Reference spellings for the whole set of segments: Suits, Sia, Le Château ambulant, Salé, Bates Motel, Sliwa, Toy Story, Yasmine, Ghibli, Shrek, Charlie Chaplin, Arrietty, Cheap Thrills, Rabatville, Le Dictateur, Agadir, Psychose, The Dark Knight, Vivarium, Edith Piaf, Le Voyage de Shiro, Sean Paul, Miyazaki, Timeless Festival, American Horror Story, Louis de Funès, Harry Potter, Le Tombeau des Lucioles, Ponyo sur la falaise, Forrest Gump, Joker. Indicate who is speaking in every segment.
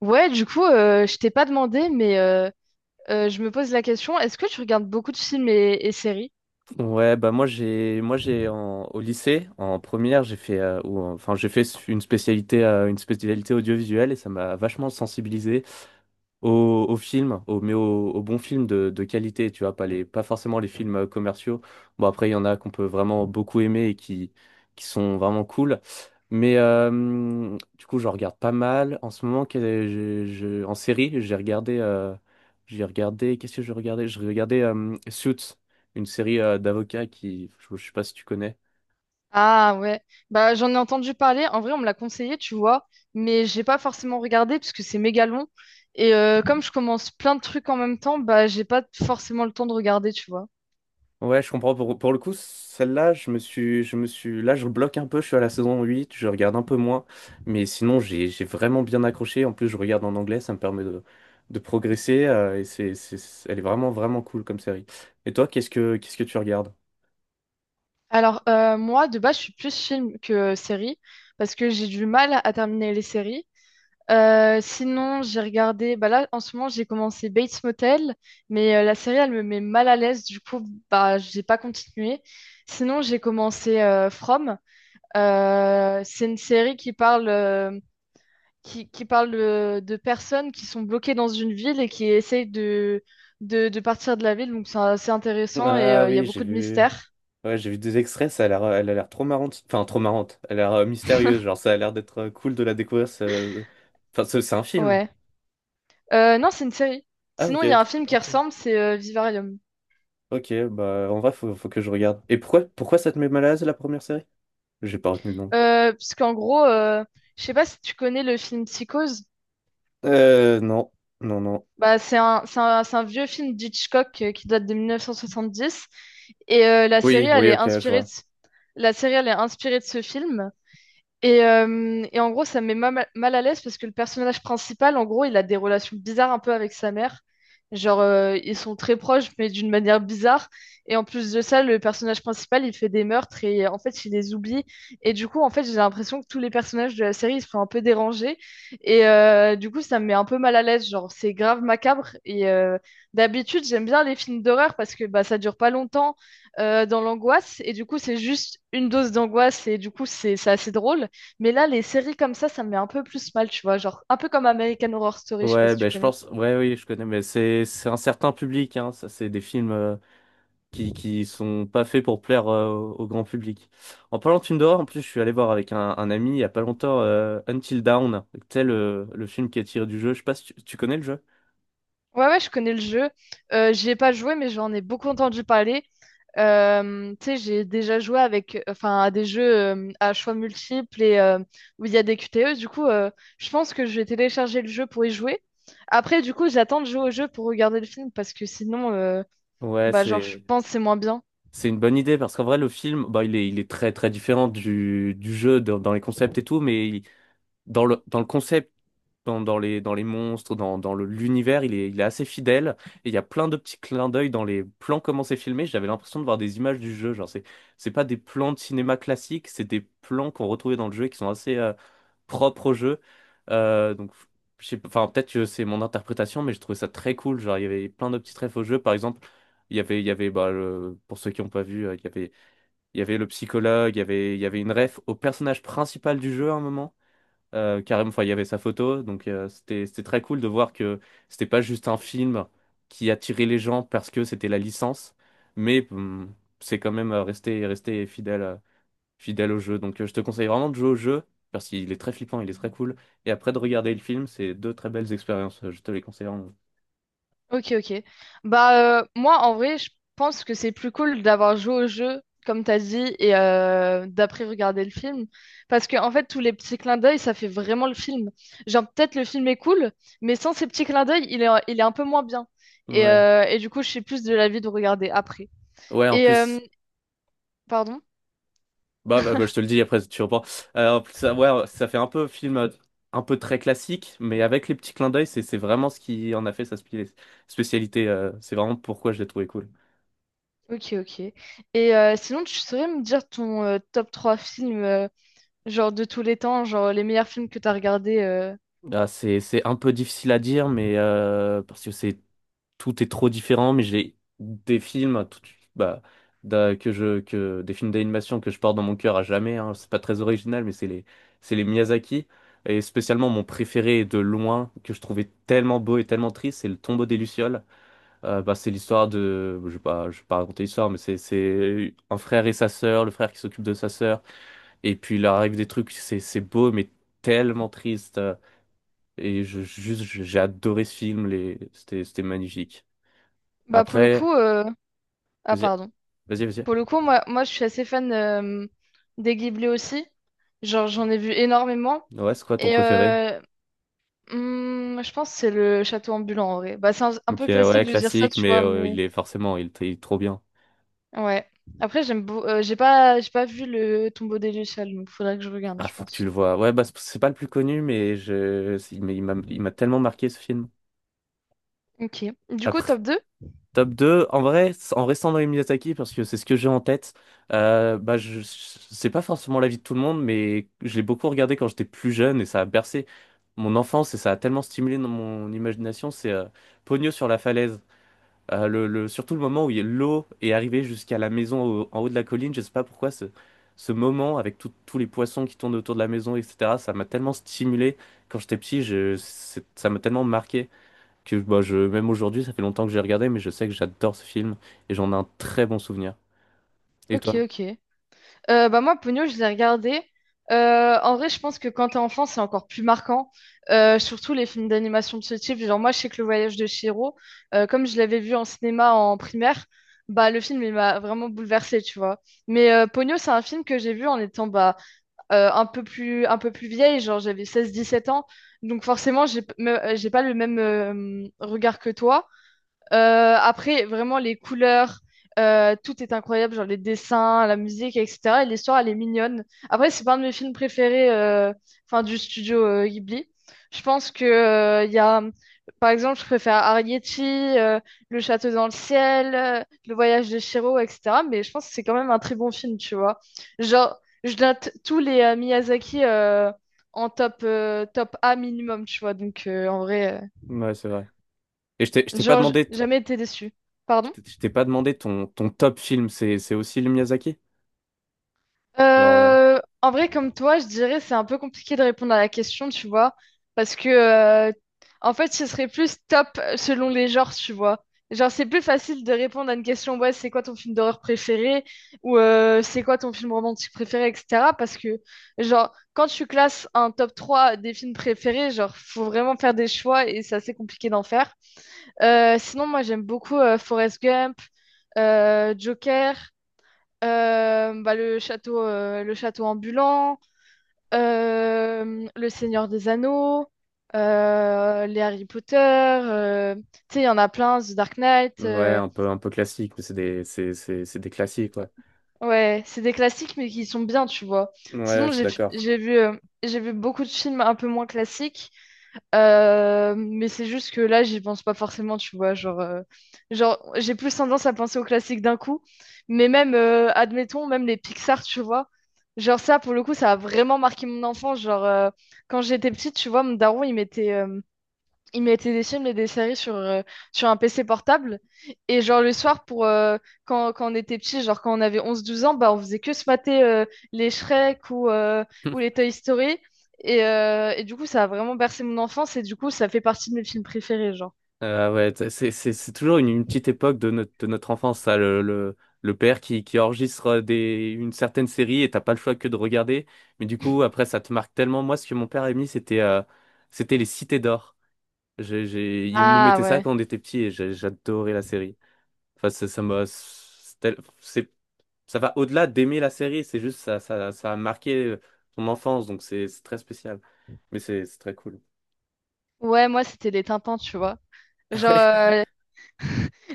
Speaker 1: Je t'ai pas demandé, mais je me pose la question, est-ce que tu regardes beaucoup de films et séries?
Speaker 2: Ouais, bah moi j'ai au lycée en première, j'ai fait ou, en- enfin j'ai fait une spécialité audiovisuelle et ça m'a vachement sensibilisé au film, au bon film de qualité, tu vois, pas forcément les films commerciaux. Bon, après, il y en a qu'on peut vraiment beaucoup aimer et qui sont vraiment cool. Mais du coup, je regarde pas mal. En ce moment, en série, j'ai regardé, qu'est-ce que je regardais? Je regardais Suits, une série d'avocats qui, je sais pas si tu connais.
Speaker 1: Ah ouais, bah j'en ai entendu parler, en vrai on me l'a conseillé, tu vois, mais j'ai pas forcément regardé parce que c'est méga long. Et comme je commence plein de trucs en même temps, bah j'ai pas forcément le temps de regarder, tu vois.
Speaker 2: Ouais, je comprends. Pour le coup, celle-là, je bloque un peu. Je suis à la saison 8, je regarde un peu moins. Mais sinon, j'ai vraiment bien accroché. En plus, je regarde en anglais, ça me permet de progresser. Et elle est vraiment cool comme série. Et toi, qu'est-ce que tu regardes?
Speaker 1: Moi, de base, je suis plus film que série, parce que j'ai du mal à terminer les séries. Sinon, j'ai regardé, bah là, en ce moment, j'ai commencé Bates Motel, mais la série, elle me met mal à l'aise, du coup, bah, j'ai pas continué. Sinon, j'ai commencé From. C'est une série qui parle, qui parle de personnes qui sont bloquées dans une ville et qui essayent de partir de la ville, donc c'est assez intéressant et
Speaker 2: Ah
Speaker 1: il y a
Speaker 2: oui, j'ai
Speaker 1: beaucoup de
Speaker 2: vu.
Speaker 1: mystères.
Speaker 2: Ouais, j'ai vu des extraits, ça a l'air, elle a l'air trop marrante. Enfin, trop marrante. Elle a l'air mystérieuse, genre ça a l'air d'être cool de la découvrir. C'est un film.
Speaker 1: Ouais. Non, c'est une série.
Speaker 2: Ah,
Speaker 1: Sinon,
Speaker 2: ok,
Speaker 1: il y a un film qui
Speaker 2: ok.
Speaker 1: ressemble, c'est Vivarium.
Speaker 2: Ok, bah en vrai, faut que je regarde. Et pourquoi ça te met mal à l'aise la première série? J'ai pas retenu le nom.
Speaker 1: Parce qu'en gros, je sais pas si tu connais le film Psychose.
Speaker 2: Non, non.
Speaker 1: Bah, c'est un vieux film d'Hitchcock qui date de 1970. Et la série,
Speaker 2: Oui,
Speaker 1: elle
Speaker 2: oui,
Speaker 1: est
Speaker 2: ok, je
Speaker 1: inspirée de…
Speaker 2: vois.
Speaker 1: La série, elle est inspirée de ce film. Et en gros, ça me met mal à l'aise parce que le personnage principal, en gros, il a des relations bizarres un peu avec sa mère. Ils sont très proches, mais d'une manière bizarre. Et en plus de ça, le personnage principal, il fait des meurtres et en fait, il les oublie. Et du coup, en fait, j'ai l'impression que tous les personnages de la série, ils se font un peu déranger. Et du coup, ça me met un peu mal à l'aise. Genre, c'est grave macabre. Et d'habitude, j'aime bien les films d'horreur parce que bah, ça dure pas longtemps dans l'angoisse. Et du coup, c'est juste une dose d'angoisse et du coup, c'est assez drôle. Mais là, les séries comme ça me met un peu plus mal, tu vois. Genre, un peu comme American Horror Story, je sais pas
Speaker 2: Ouais,
Speaker 1: si tu
Speaker 2: ben je
Speaker 1: connais.
Speaker 2: pense, ouais, oui, je connais, mais c'est un certain public, hein. Ça, c'est des films qui sont pas faits pour plaire au grand public. En parlant de films d'horreur, en plus, je suis allé voir avec un ami il y a pas longtemps Until Dawn, le film qui est tiré du jeu. Je sais pas si tu connais le jeu.
Speaker 1: Ouais, ouais, je connais le jeu. J'y ai pas joué, mais j'en ai beaucoup entendu parler. Tu sais, j'ai déjà joué avec, enfin, à des jeux à choix multiples et où il y a des QTE. Je pense que je vais télécharger le jeu pour y jouer. Après, du coup, j'attends de jouer au jeu pour regarder le film parce que
Speaker 2: Ouais,
Speaker 1: bah, genre, je
Speaker 2: c'est
Speaker 1: pense que c'est moins bien.
Speaker 2: C'est une bonne idée parce qu'en vrai, le film, bah, il est très très différent du jeu dans les concepts et tout, dans dans le concept, dans les monstres, l'univers, il est assez fidèle. Et il y a plein de petits clins d'œil dans les plans, comment c'est filmé. J'avais l'impression de voir des images du jeu. Genre, c'est pas des plans de cinéma classiques, c'est des plans qu'on retrouvait dans le jeu et qui sont assez propres au jeu. Donc, je sais pas- enfin, peut-être que c'est mon interprétation, mais je trouvais ça très cool. Genre, il y avait plein de petits trèfles au jeu. Par exemple, il y avait bah, pour ceux qui n'ont pas vu, il y avait le psychologue, il y avait une ref au personnage principal du jeu à un moment. Carrément, enfin, il y avait sa photo, donc c'était très cool de voir que c'était pas juste un film qui attirait les gens parce que c'était la licence, mais c'est quand même resté fidèle fidèle au jeu. Donc je te conseille vraiment de jouer au jeu parce qu'il est très flippant, il est très cool. Et après de regarder le film, c'est deux très belles expériences. Je te les conseille vraiment.
Speaker 1: Ok, ok. Bah, moi, en vrai, je pense que c'est plus cool d'avoir joué au jeu, comme t'as dit, et d'après regarder le film. Parce que, en fait, tous les petits clins d'œil, ça fait vraiment le film. Genre, peut-être le film est cool, mais sans ces petits clins d'œil, il est un peu moins bien. Et,
Speaker 2: Ouais,
Speaker 1: euh, et du coup, je suis plus de l'avis de regarder après.
Speaker 2: ouais. En
Speaker 1: Et,
Speaker 2: plus.
Speaker 1: euh, Pardon?
Speaker 2: Bah, je te le dis après, tu reprends. En plus, ça, ouais, ça fait un peu film, un peu très classique, mais avec les petits clins d'œil, c'est vraiment ce qui en a fait sa spécialité. C'est vraiment pourquoi je l'ai trouvé cool.
Speaker 1: Ok, ok. Et sinon, tu saurais me dire ton top 3 films, genre de tous les temps, genre les meilleurs films que t'as regardés.
Speaker 2: Ah, c'est un peu difficile à dire, mais parce que c'est tout est trop différent. Mais j'ai des films, tout- bah, d'un- que je que des films d'animation que je porte dans mon cœur à jamais, hein. C'est pas très original, mais c'est les Miyazaki. Et spécialement mon préféré de loin, que je trouvais tellement beau et tellement triste, c'est Le Tombeau des Lucioles. Bah, c'est l'histoire de, je vais pas raconter l'histoire, mais c'est un frère et sa sœur, le frère qui s'occupe de sa sœur, et puis il leur arrive des trucs, c'est beau mais tellement triste, et j'ai adoré ce film, les c'était c'était magnifique.
Speaker 1: Bah, pour le
Speaker 2: Après,
Speaker 1: coup, ah,
Speaker 2: vas-y,
Speaker 1: Pardon.
Speaker 2: vas-y.
Speaker 1: Pour le coup, moi je suis assez fan des Ghibli aussi. Genre, j'en ai vu énormément.
Speaker 2: Ouais, c'est quoi ton
Speaker 1: Et
Speaker 2: préféré?
Speaker 1: je pense que c'est le château ambulant en vrai. Bah, c'est un
Speaker 2: Ok,
Speaker 1: peu
Speaker 2: ouais,
Speaker 1: classique de dire ça,
Speaker 2: classique,
Speaker 1: tu
Speaker 2: mais
Speaker 1: vois, mais
Speaker 2: il est forcément, il est il est trop bien.
Speaker 1: ouais. Après, j'ai pas vu le tombeau des Lucioles, donc faudrait que je regarde,
Speaker 2: Ah,
Speaker 1: je
Speaker 2: faut que tu le
Speaker 1: pense.
Speaker 2: vois. Ouais, bah c'est pas le plus connu, mais mais il m'a tellement marqué ce film.
Speaker 1: Ok. Du coup,
Speaker 2: Après.
Speaker 1: top 2.
Speaker 2: Top 2, en vrai, en restant dans les Miyazaki, parce que c'est ce que j'ai en tête, bah, c'est pas forcément l'avis de tout le monde, mais je l'ai beaucoup regardé quand j'étais plus jeune et ça a bercé mon enfance et ça a tellement stimulé dans mon imagination. C'est Ponyo sur la falaise. Surtout le moment où il y a l'eau est arrivée jusqu'à la maison en haut de la colline, je sais pas pourquoi ce moment avec tous les poissons qui tournent autour de la maison, etc., ça m'a tellement stimulé quand j'étais petit, ça m'a tellement marqué que bah, même aujourd'hui, ça fait longtemps que j'ai regardé, mais je sais que j'adore ce film et j'en ai un très bon souvenir. Et toi?
Speaker 1: Ok, ok. Bah moi, Pogno, je l'ai regardé. En vrai, je pense que quand t'es enfant, c'est encore plus marquant. Surtout les films d'animation de ce type. Genre, moi, je sais que Le Voyage de Chihiro, comme je l'avais vu en cinéma en primaire, bah, le film, il m'a vraiment bouleversée, tu vois. Mais Pogno, c'est un film que j'ai vu en étant un peu plus vieille. Genre, j'avais 16-17 ans. Donc, forcément, j'ai pas le même regard que toi. Après, vraiment, les couleurs, tout est incroyable, genre les dessins, la musique, etc. Et l'histoire, elle est mignonne. Après, c'est pas un de mes films préférés, enfin, du studio Ghibli. Je pense que, il y a, par exemple, je préfère Arrietty, Le Château dans le ciel, Le Voyage de Shiro, etc. Mais je pense que c'est quand même un très bon film, tu vois. Genre, je note tous les Miyazaki en top, top A minimum, tu vois.
Speaker 2: Ouais, c'est vrai. Et je t'ai je t'ai pas
Speaker 1: Genre,
Speaker 2: demandé, t-
Speaker 1: jamais été déçu.
Speaker 2: je
Speaker 1: Pardon?
Speaker 2: t'ai je t'ai pas demandé ton top film, c'est aussi le Miyazaki? Genre, euh,
Speaker 1: En vrai, comme toi, je dirais c'est un peu compliqué de répondre à la question, tu vois, parce que en fait, ce serait plus top selon les genres, tu vois. Genre, c'est plus facile de répondre à une question, ouais, c'est quoi ton film d'horreur préféré ou c'est quoi ton film romantique préféré, etc. Parce que, genre, quand tu classes un top 3 des films préférés, genre, faut vraiment faire des choix et c'est assez compliqué d'en faire. Sinon, moi, j'aime beaucoup Forrest Gump, Joker. Bah, le château ambulant, le Seigneur des Anneaux, les Harry Potter, tu sais, il y en a plein, The Dark Knight.
Speaker 2: Ouais, un peu classique, mais c'est des classiques, ouais.
Speaker 1: Ouais, c'est des classiques, mais qui sont bien, tu vois.
Speaker 2: Ouais,
Speaker 1: Sinon,
Speaker 2: je suis
Speaker 1: j'ai
Speaker 2: d'accord.
Speaker 1: j'ai vu, j'ai vu beaucoup de films un peu moins classiques. Mais c'est juste que là, j'y pense pas forcément, tu vois. Genre j'ai plus tendance à penser aux classiques d'un coup. Mais même, admettons, même les Pixar, tu vois. Genre ça, pour le coup, ça a vraiment marqué mon enfance. Genre, quand j'étais petite, tu vois, mon daron, il mettait… il mettait des films et des séries sur, sur un PC portable. Et genre le soir, pour, quand on était petit, genre quand on avait onze douze ans, bah, on faisait que se mater les Shrek ou les Toy Story. Et du coup, ça a vraiment bercé mon enfance et du coup, ça fait partie de mes films préférés, genre.
Speaker 2: Ouais, c'est toujours une petite époque de notre enfance, ça, le père qui enregistre une certaine série et t'as pas le choix que de regarder. Mais du coup, après, ça te marque tellement. Moi, ce que mon père a mis, c'était c'était les Cités d'Or. Il nous
Speaker 1: Ah
Speaker 2: mettait ça
Speaker 1: ouais.
Speaker 2: quand on était petits et j'adorais la série. Enfin, ça m'a, c'est, tel- c'est- Ça va au-delà d'aimer la série, c'est juste ça a marqué ton enfance, donc c'est très spécial. Mais c'est très cool.
Speaker 1: Ouais, moi, c'était les Tintins, tu vois. Genre, euh,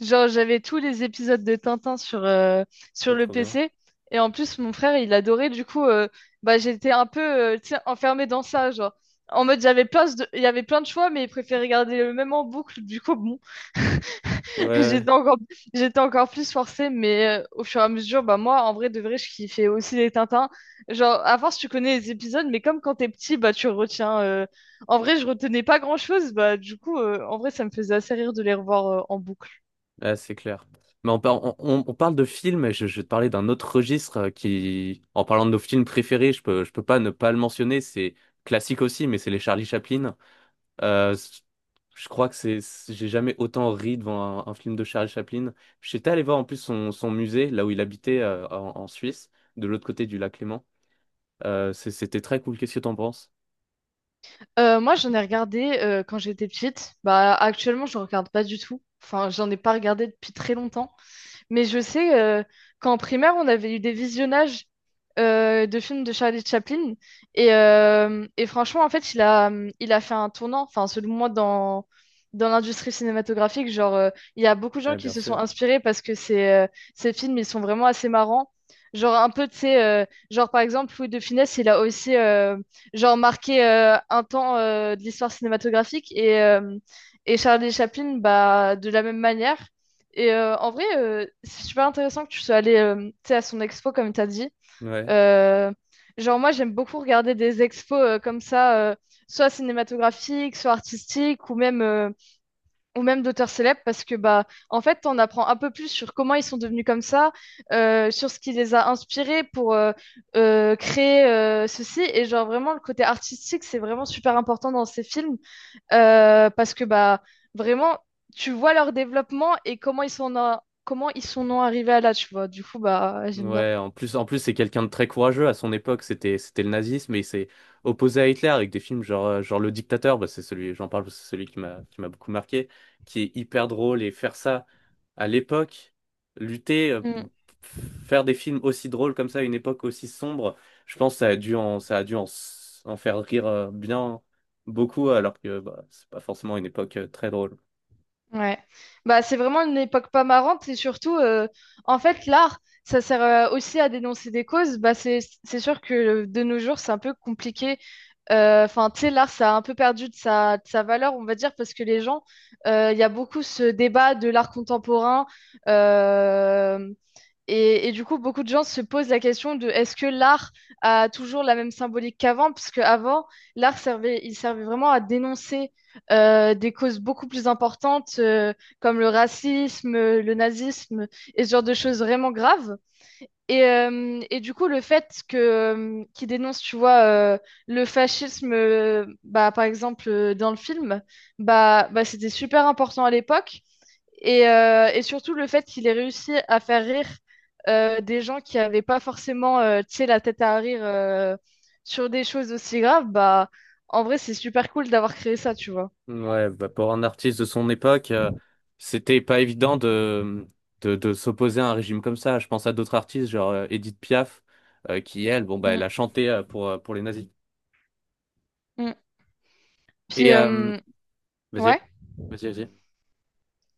Speaker 1: Genre, j'avais tous les épisodes de Tintin sur,
Speaker 2: Ouais,
Speaker 1: sur le
Speaker 2: trop bien.
Speaker 1: PC. Et en plus, mon frère, il adorait. Bah, j'étais un peu tu sais, enfermée dans ça. Genre, en mode, j'avais plein de… il y avait plein de choix, mais il préférait regarder le même en boucle. Du coup, bon,
Speaker 2: Ouais, ouais.
Speaker 1: j'étais encore… j'étais encore plus forcée. Mais au fur et à mesure, bah, moi, en vrai, de vrai, je kiffais aussi les Tintins. Genre, à force, tu connais les épisodes, mais comme quand t'es petit, bah, tu retiens. En vrai, je retenais pas grand-chose. Bah, du coup, en vrai, ça me faisait assez rire de les revoir en boucle.
Speaker 2: Ouais, c'est clair. Mais on parle de films, je vais te parler d'un autre registre qui, en parlant de nos films préférés, je peux pas ne pas le mentionner, c'est classique aussi, mais c'est les Charlie Chaplin. Euh, c- je crois que j'ai jamais autant ri devant un film de Charlie Chaplin. J'étais allé voir en plus son musée, là où il habitait, en Suisse, de l'autre côté du lac Léman. C'était très cool. Qu'est-ce que t'en penses?
Speaker 1: Moi, j'en ai regardé quand j'étais petite. Bah, actuellement, je regarde pas du tout. Enfin, j'en ai pas regardé depuis très longtemps. Mais je sais qu'en primaire, on avait eu des visionnages de films de Charlie Chaplin. Et franchement, en fait, il a fait un tournant, enfin, selon moi, dans, dans l'industrie cinématographique. Genre, il y a beaucoup de gens
Speaker 2: Ouais,
Speaker 1: qui
Speaker 2: bien
Speaker 1: se sont
Speaker 2: sûr.
Speaker 1: inspirés parce que ces films, ils sont vraiment assez marrants. Genre, un peu, tu sais, genre, par exemple, Louis de Funès, il a aussi, genre, marqué un temps de l'histoire cinématographique. Et Charlie Chaplin, bah, de la même manière. Et en vrai, c'est super intéressant que tu sois allé tu sais, à son expo, comme tu as dit.
Speaker 2: Ouais.
Speaker 1: Euh, genre, moi, j'aime beaucoup regarder des expos comme ça, soit cinématographiques, soit artistiques, ou même d'auteurs célèbres, parce que, bah, en fait, on apprend un peu plus sur comment ils sont devenus comme ça, sur ce qui les a inspirés pour créer ceci. Et, genre, vraiment, le côté artistique, c'est vraiment super important dans ces films. Parce que bah vraiment tu vois leur développement et comment comment ils sont en arrivés à là tu vois du coup bah j'aime bien.
Speaker 2: Ouais, en plus c'est quelqu'un de très courageux à son époque, c'était le nazisme et il s'est opposé à Hitler avec des films genre Le Dictateur, bah, c'est celui, j'en parle, parce que c'est celui qui m'a beaucoup marqué, qui est hyper drôle et faire ça à l'époque, lutter,
Speaker 1: Mm.
Speaker 2: faire des films aussi drôles comme ça à une époque aussi sombre, je pense que ça a dû en faire rire bien beaucoup alors que bah, c'est pas forcément une époque très drôle.
Speaker 1: Ouais bah c'est vraiment une époque pas marrante et surtout en fait l'art ça sert aussi à dénoncer des causes bah c'est sûr que de nos jours c'est un peu compliqué. Enfin, tu sais, l'art, ça a un peu perdu de de sa valeur, on va dire, parce que les gens, il y a beaucoup ce débat de l'art contemporain. euh, et du coup, beaucoup de gens se posent la question de est-ce que l'art a toujours la même symbolique qu'avant? Parce avant, l'art servait, il servait vraiment à dénoncer des causes beaucoup plus importantes comme le racisme, le nazisme et ce genre de choses vraiment graves. Et du coup, le fait que qu'il dénonce, tu vois, le fascisme, bah, par exemple, dans le film, bah, c'était super important à l'époque. Et surtout le fait qu'il ait réussi à faire rire des gens qui n'avaient pas forcément tu sais, la tête à rire sur des choses aussi graves, bah en vrai c'est super cool d'avoir créé ça, tu vois.
Speaker 2: Ouais, bah, pour un artiste de son époque, c'était pas évident de s'opposer à un régime comme ça. Je pense à d'autres artistes, genre Edith Piaf, qui elle, bon bah
Speaker 1: Mm,
Speaker 2: elle a chanté pour les nazis.
Speaker 1: mm.
Speaker 2: Et
Speaker 1: Puis
Speaker 2: vas-y,
Speaker 1: Ouais.
Speaker 2: vas-y.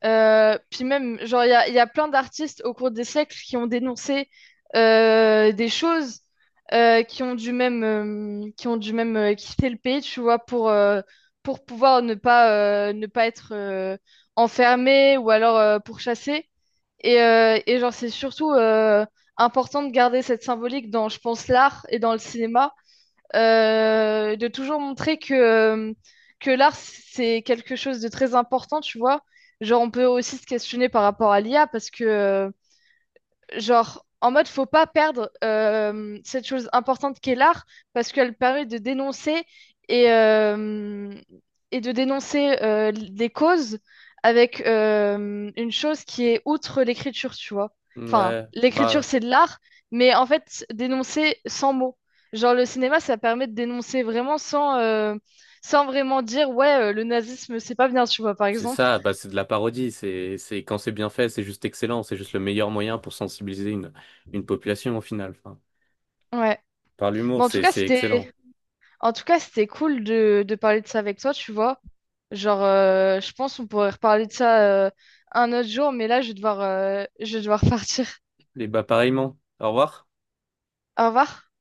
Speaker 1: Puis même, genre, il y a plein d'artistes au cours des siècles qui ont dénoncé des choses qui ont dû qui ont dû même quitter le pays, tu vois, pour pouvoir ne pas être enfermé ou alors pourchassé. Et genre, c'est surtout important de garder cette symbolique dans, je pense, l'art et dans le cinéma, de toujours montrer que l'art, c'est quelque chose de très important, tu vois. Genre, on peut aussi se questionner par rapport à l'IA parce que, genre en mode faut pas perdre cette chose importante qu'est l'art parce qu'elle permet de dénoncer et, euh, et de dénoncer des causes avec une chose qui est outre l'écriture, tu vois. Enfin,
Speaker 2: Ouais,
Speaker 1: l'écriture
Speaker 2: bah
Speaker 1: c'est de l'art, mais en fait dénoncer sans mots. Genre le cinéma ça permet de dénoncer vraiment sans sans vraiment dire ouais le nazisme c'est pas bien, tu vois par
Speaker 2: c'est
Speaker 1: exemple.
Speaker 2: ça, bah c'est de la parodie. C'est quand c'est bien fait, c'est juste excellent. C'est juste le meilleur moyen pour sensibiliser une population au final. Enfin,
Speaker 1: Ouais.
Speaker 2: par l'humour,
Speaker 1: Bon en tout cas
Speaker 2: c'est
Speaker 1: c'était
Speaker 2: excellent.
Speaker 1: En tout cas, c'était cool de parler de ça avec toi, tu vois. Genre, je pense qu'on pourrait reparler de ça euh, un autre jour, mais là, je vais devoir partir.
Speaker 2: Et bah pareillement. Au revoir.
Speaker 1: Au revoir.